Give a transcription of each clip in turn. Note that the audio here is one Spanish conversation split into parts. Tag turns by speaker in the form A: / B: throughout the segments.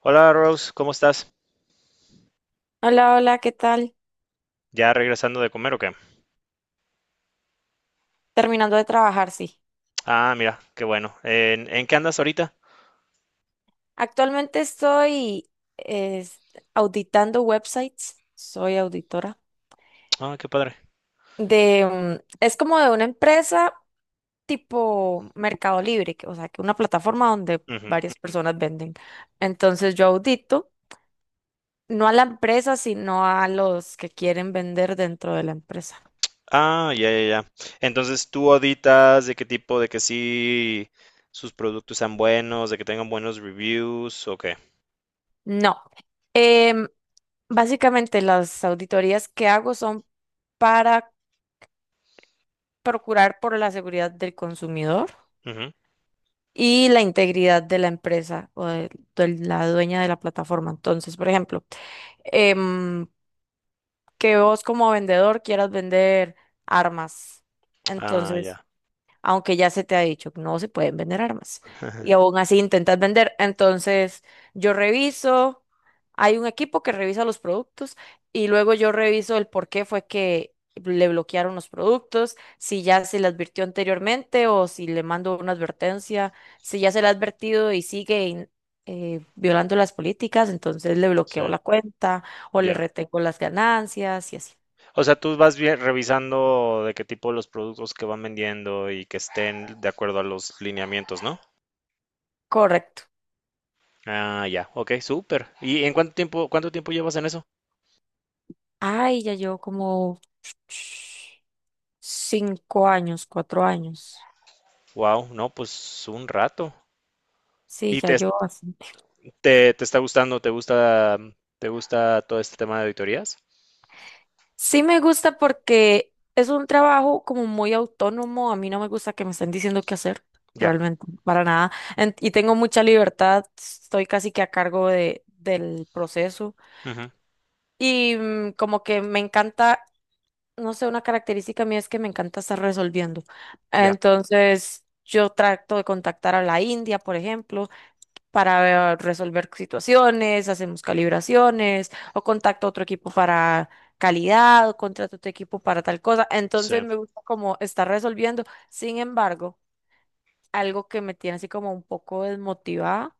A: Hola Rose, ¿cómo estás?
B: Hola, hola, ¿qué tal?
A: ¿Ya regresando de comer o qué?
B: Terminando de trabajar, sí.
A: Ah, mira, qué bueno. ¿En qué andas ahorita?
B: Actualmente estoy es, auditando websites. Soy auditora
A: Ah, qué padre.
B: de, es como de una empresa tipo Mercado Libre, o sea, que una plataforma donde
A: Ujú.
B: varias personas venden. Entonces yo audito, no a la empresa, sino a los que quieren vender dentro de la empresa.
A: Ah, ya, ya, ya. Entonces, ¿tú auditas de qué tipo, de que sí sus productos sean buenos, de que tengan buenos reviews o qué?
B: No. Em, Básicamente las auditorías que hago son para procurar por la seguridad del consumidor
A: Ujú.
B: y la integridad de la empresa o de la dueña de la plataforma. Entonces, por ejemplo, em, que vos como vendedor quieras vender armas.
A: Ah,
B: Entonces,
A: ya.
B: aunque ya se te ha dicho que no se pueden vender armas. Y aún así intentas vender. Entonces, yo reviso, hay un equipo que revisa los productos y luego yo reviso el por qué fue que le bloquearon los productos, si ya se le advirtió anteriormente o si le mando una advertencia, si ya se le ha advertido y sigue violando las políticas. Entonces le
A: Sí,
B: bloqueo la cuenta o le
A: ya.
B: retengo las ganancias y así.
A: O sea, tú vas bien revisando de qué tipo los productos que van vendiendo y que estén de acuerdo a los lineamientos, ¿no?
B: Correcto.
A: Ah, ya. Ok, súper. ¿Y en cuánto tiempo llevas en eso?
B: Ay, ya llevo como cinco años, 4 años.
A: Wow, no, pues un rato.
B: Sí,
A: ¿Y
B: ya
A: te,
B: yo así.
A: te, te está gustando? ¿Te gusta todo este tema de auditorías?
B: Sí me gusta porque es un trabajo como muy autónomo. A mí no me gusta que me estén diciendo qué hacer,
A: Ya,
B: realmente, para nada. Y tengo mucha libertad. Estoy casi que a cargo de, del proceso.
A: ujú,
B: Y como que me encanta, no sé, una característica mía es que me encanta estar resolviendo.
A: ya,
B: Entonces, yo trato de contactar a la India, por ejemplo, para resolver situaciones, hacemos calibraciones o contacto a otro equipo para calidad o contrato a otro equipo para tal cosa.
A: sí,
B: Entonces me gusta como estar resolviendo. Sin embargo, algo que me tiene así como un poco desmotivada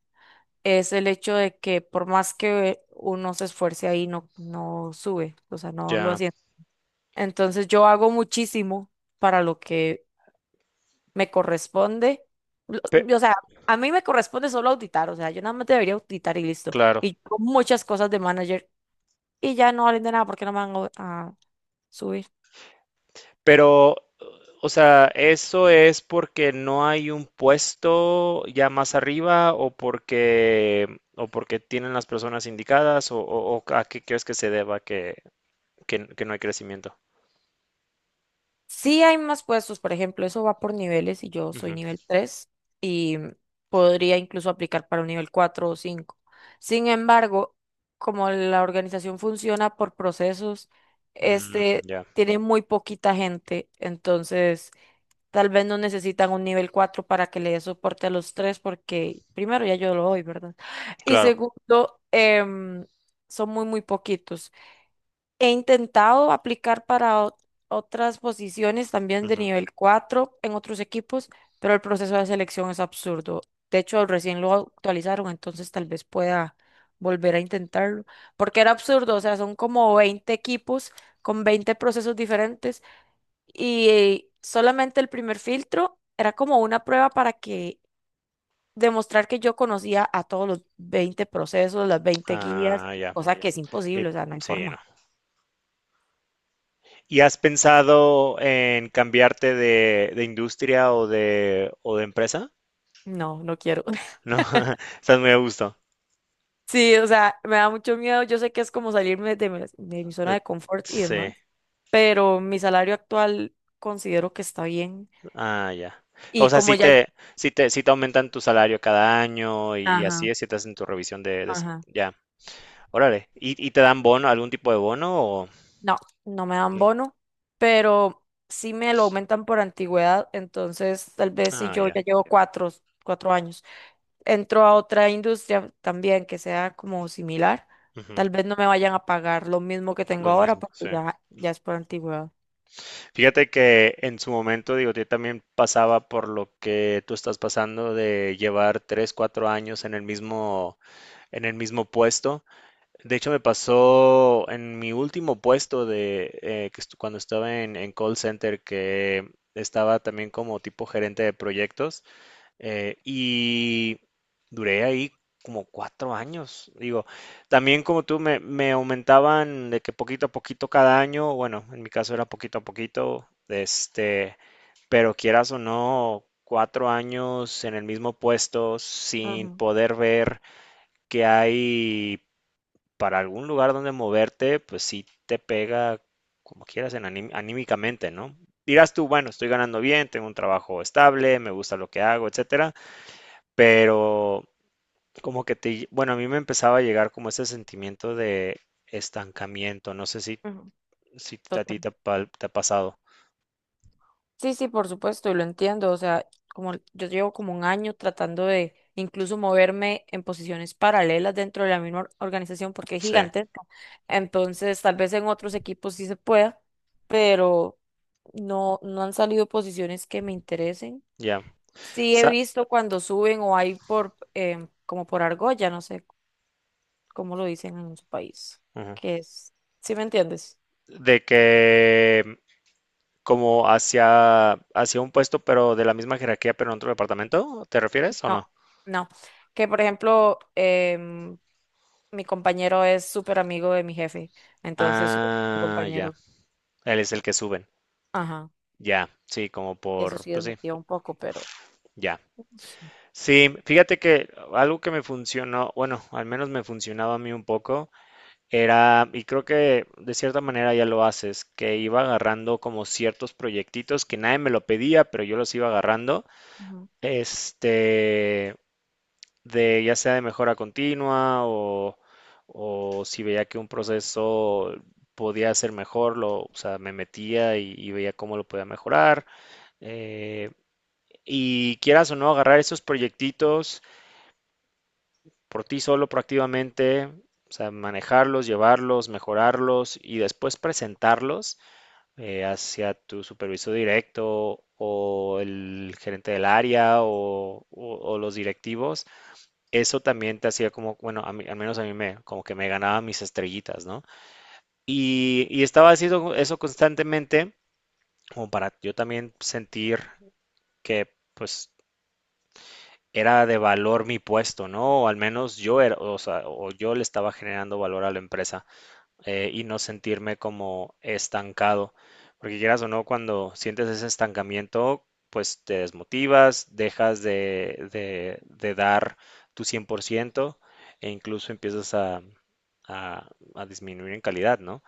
B: es el hecho de que por más que uno se esfuerce ahí, no, no sube, o sea, no lo
A: ya.
B: hace. Entonces yo hago muchísimo para lo que me corresponde,
A: Pe-
B: o sea, a mí me corresponde solo auditar, o sea, yo nada más debería auditar y listo.
A: claro.
B: Y yo hago muchas cosas de manager y ya no valen de nada porque no me van a subir.
A: Pero, o sea, ¿eso es porque no hay un puesto ya más arriba o porque tienen las personas indicadas o, o a qué crees que se deba que, que no hay crecimiento?
B: Sí hay más puestos, por ejemplo, eso va por niveles y yo soy
A: Ujú.
B: nivel 3 y podría incluso aplicar para un nivel 4 o 5. Sin embargo, como la organización funciona por procesos,
A: Mm,
B: este
A: ya,
B: tiene muy poquita gente, entonces tal vez no necesitan un nivel 4 para que le dé soporte a los tres, porque primero ya yo lo doy, ¿verdad? Y
A: claro.
B: segundo, son muy, muy poquitos. He intentado aplicar para otras posiciones también de
A: Ujú.
B: nivel 4 en otros equipos, pero el proceso de selección es absurdo. De hecho, recién lo actualizaron, entonces tal vez pueda volver a intentarlo, porque era absurdo, o sea, son como 20 equipos con 20 procesos diferentes y solamente el primer filtro era como una prueba para que demostrar que yo conocía a todos los 20 procesos, las 20 guías,
A: Ah, ya.
B: cosa que es
A: Y-
B: imposible, o sea, no hay
A: sí, no.
B: forma.
A: ¿Y has pensado en cambiarte de industria o de empresa?
B: No, no quiero.
A: No, estás muy a gusto.
B: Sí, o sea, me da mucho miedo. Yo sé que es como salirme de mi zona
A: De-
B: de confort y
A: Sí,
B: demás, pero mi salario actual considero que está bien.
A: ah, ya. O
B: Y
A: sea,
B: como
A: si
B: ya...
A: te, si te, si te aumentan tu salario cada año y así
B: Ajá,
A: es, si te hacen tu revisión de
B: ajá.
A: ya, órale. ¿Y te dan bono, algún tipo de bono o
B: No, no me dan
A: no?
B: bono, pero sí me lo aumentan por antigüedad, entonces tal vez si
A: Ah,
B: yo
A: ya.
B: ya llevo 4 años, entro a otra industria también que sea como similar,
A: Ujú.
B: tal vez no me vayan a pagar lo mismo que tengo
A: Lo
B: ahora
A: mismo,
B: porque
A: sí.
B: ya, ya es por antigüedad.
A: Fíjate que en su momento, digo, yo también pasaba por lo que tú estás pasando de llevar 3, 4 años en el mismo puesto. De hecho, me pasó en mi último puesto de que cuando estaba en call center, que estaba también como tipo gerente de proyectos y duré ahí como 4 años. Digo, también como tú me aumentaban de que poquito a poquito cada año, bueno, en mi caso era poquito a poquito, pero quieras o no, cuatro años en el mismo puesto sin
B: Ujú,
A: poder ver que hay para algún lugar donde moverte, pues sí te pega como quieras en anímicamente, ¿no? Dirás tú, bueno, estoy ganando bien, tengo un trabajo estable, me gusta lo que hago, etcétera, pero como que bueno, a mí me empezaba a llegar como ese sentimiento de estancamiento, no sé si a
B: ujú.
A: ti te ha, te ha pasado.
B: Sí, sí, por supuesto, y lo entiendo. O sea, como yo llevo como un año tratando de incluso moverme en posiciones paralelas dentro de la misma organización porque es
A: Sí,
B: gigantesca. Entonces, tal vez en otros equipos sí se pueda, pero no, no han salido posiciones que me interesen.
A: ya.
B: Sí he
A: Sa-
B: visto cuando suben o hay por como por argolla, no sé cómo lo dicen en su país,
A: ujú.
B: que es, ¿sí me entiendes?
A: De que como hacia un puesto, pero de la misma jerarquía, pero en otro departamento, ¿te refieres o
B: No,
A: no?
B: no. Que por ejemplo, mi compañero es súper amigo de mi jefe, entonces su
A: Ah, ya.
B: compañero.
A: Él es el que suben.
B: Ajá.
A: Ya, sí,
B: Eso sí
A: pues sí,
B: desmotiva un poco, pero...
A: ya.
B: Ujú,
A: Sí, fíjate que algo que me funcionó, bueno, al menos me funcionaba a mí un poco, era, y creo que de cierta manera ya lo haces, que iba agarrando como ciertos proyectitos que nadie me lo pedía, pero yo los iba agarrando. Este, de ya sea de mejora continua o si veía que un proceso podía ser mejor, o sea, me metía y veía cómo lo podía mejorar. eh, y quieras o no, agarrar esos proyectitos por ti solo proactivamente, o sea, manejarlos, llevarlos, mejorarlos y después presentarlos hacia tu supervisor directo o el gerente del área o, o los directivos. Eso también te hacía como, bueno, al menos a mí como que me ganaba mis estrellitas, ¿no? Y estaba haciendo eso constantemente, como para yo también sentir que, pues, era de valor mi puesto, ¿no? O al menos yo era, o sea, o yo le estaba generando valor a la empresa. Y no sentirme como estancado. Porque quieras o no, cuando sientes ese estancamiento, pues te desmotivas, dejas de dar tu 100% e incluso empiezas a- a disminuir en calidad, ¿no?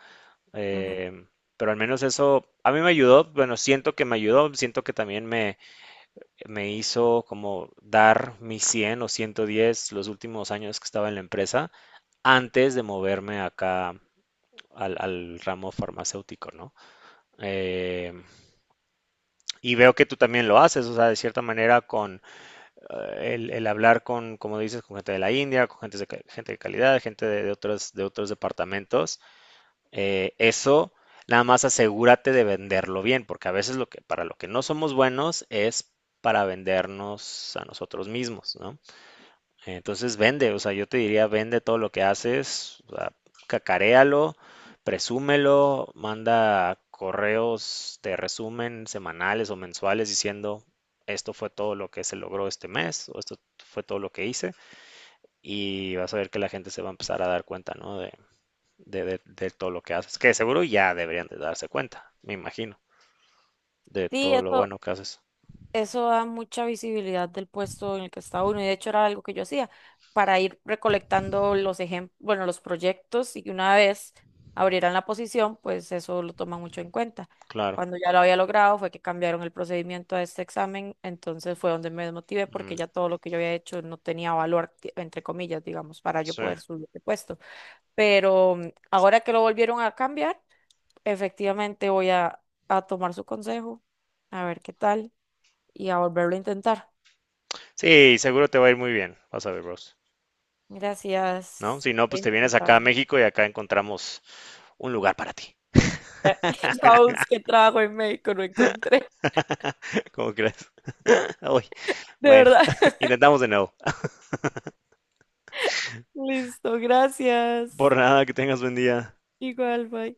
B: ujú.
A: Em, pero al menos eso a mí me ayudó, bueno, siento que me ayudó, siento que también me hizo como dar mi 100 o 110 los últimos años que estaba en la empresa antes de moverme acá al ramo farmacéutico, ¿no? Eh, y veo que tú también lo haces, o sea, de cierta manera con hablar con, como dices, con gente de la India, con gente de calidad, gente de otros departamentos, eso nada más asegúrate de venderlo bien, porque a veces para lo que no somos buenos es para vendernos a nosotros mismos, ¿no? Entonces vende, o sea, yo te diría, vende todo lo que haces, o sea, cacaréalo, presúmelo, manda correos de resumen semanales o mensuales diciendo, esto fue todo lo que se logró este mes, o esto fue todo lo que hice, y vas a ver que la gente se va a empezar a dar cuenta, ¿no? De todo lo que haces, que seguro ya deberían de darse cuenta, me imagino, de
B: Sí,
A: todo lo
B: eso,
A: bueno que haces.
B: Eso da mucha visibilidad del puesto en el que está uno, y de hecho era algo que yo hacía para ir recolectando los ejemplos, bueno, los proyectos, y que una vez abrieran la posición, pues eso lo toman mucho en cuenta.
A: Claro.
B: Cuando ya lo había logrado fue que cambiaron el procedimiento a este examen, entonces fue donde me desmotivé
A: Mm,
B: porque ya todo lo que yo había hecho no tenía valor, entre comillas, digamos, para yo
A: sí.
B: poder subir de puesto. Pero ahora que lo volvieron a cambiar, efectivamente voy a tomar su consejo, a ver qué tal y a volverlo a intentar.
A: Sí, seguro te va a ir muy bien, vas a ver, bros, ¿no?
B: Gracias.
A: Si no,
B: Voy a
A: pues te vienes acá a
B: intentarlo.
A: México y acá encontramos un lugar para ti.
B: Ya, ya busqué trabajo en México, no encontré.
A: ¿Cómo crees? Uy,
B: De
A: bueno,
B: verdad.
A: intentamos de nuevo.
B: Listo,
A: Por
B: gracias.
A: nada, que tengas buen día.
B: Igual, bye.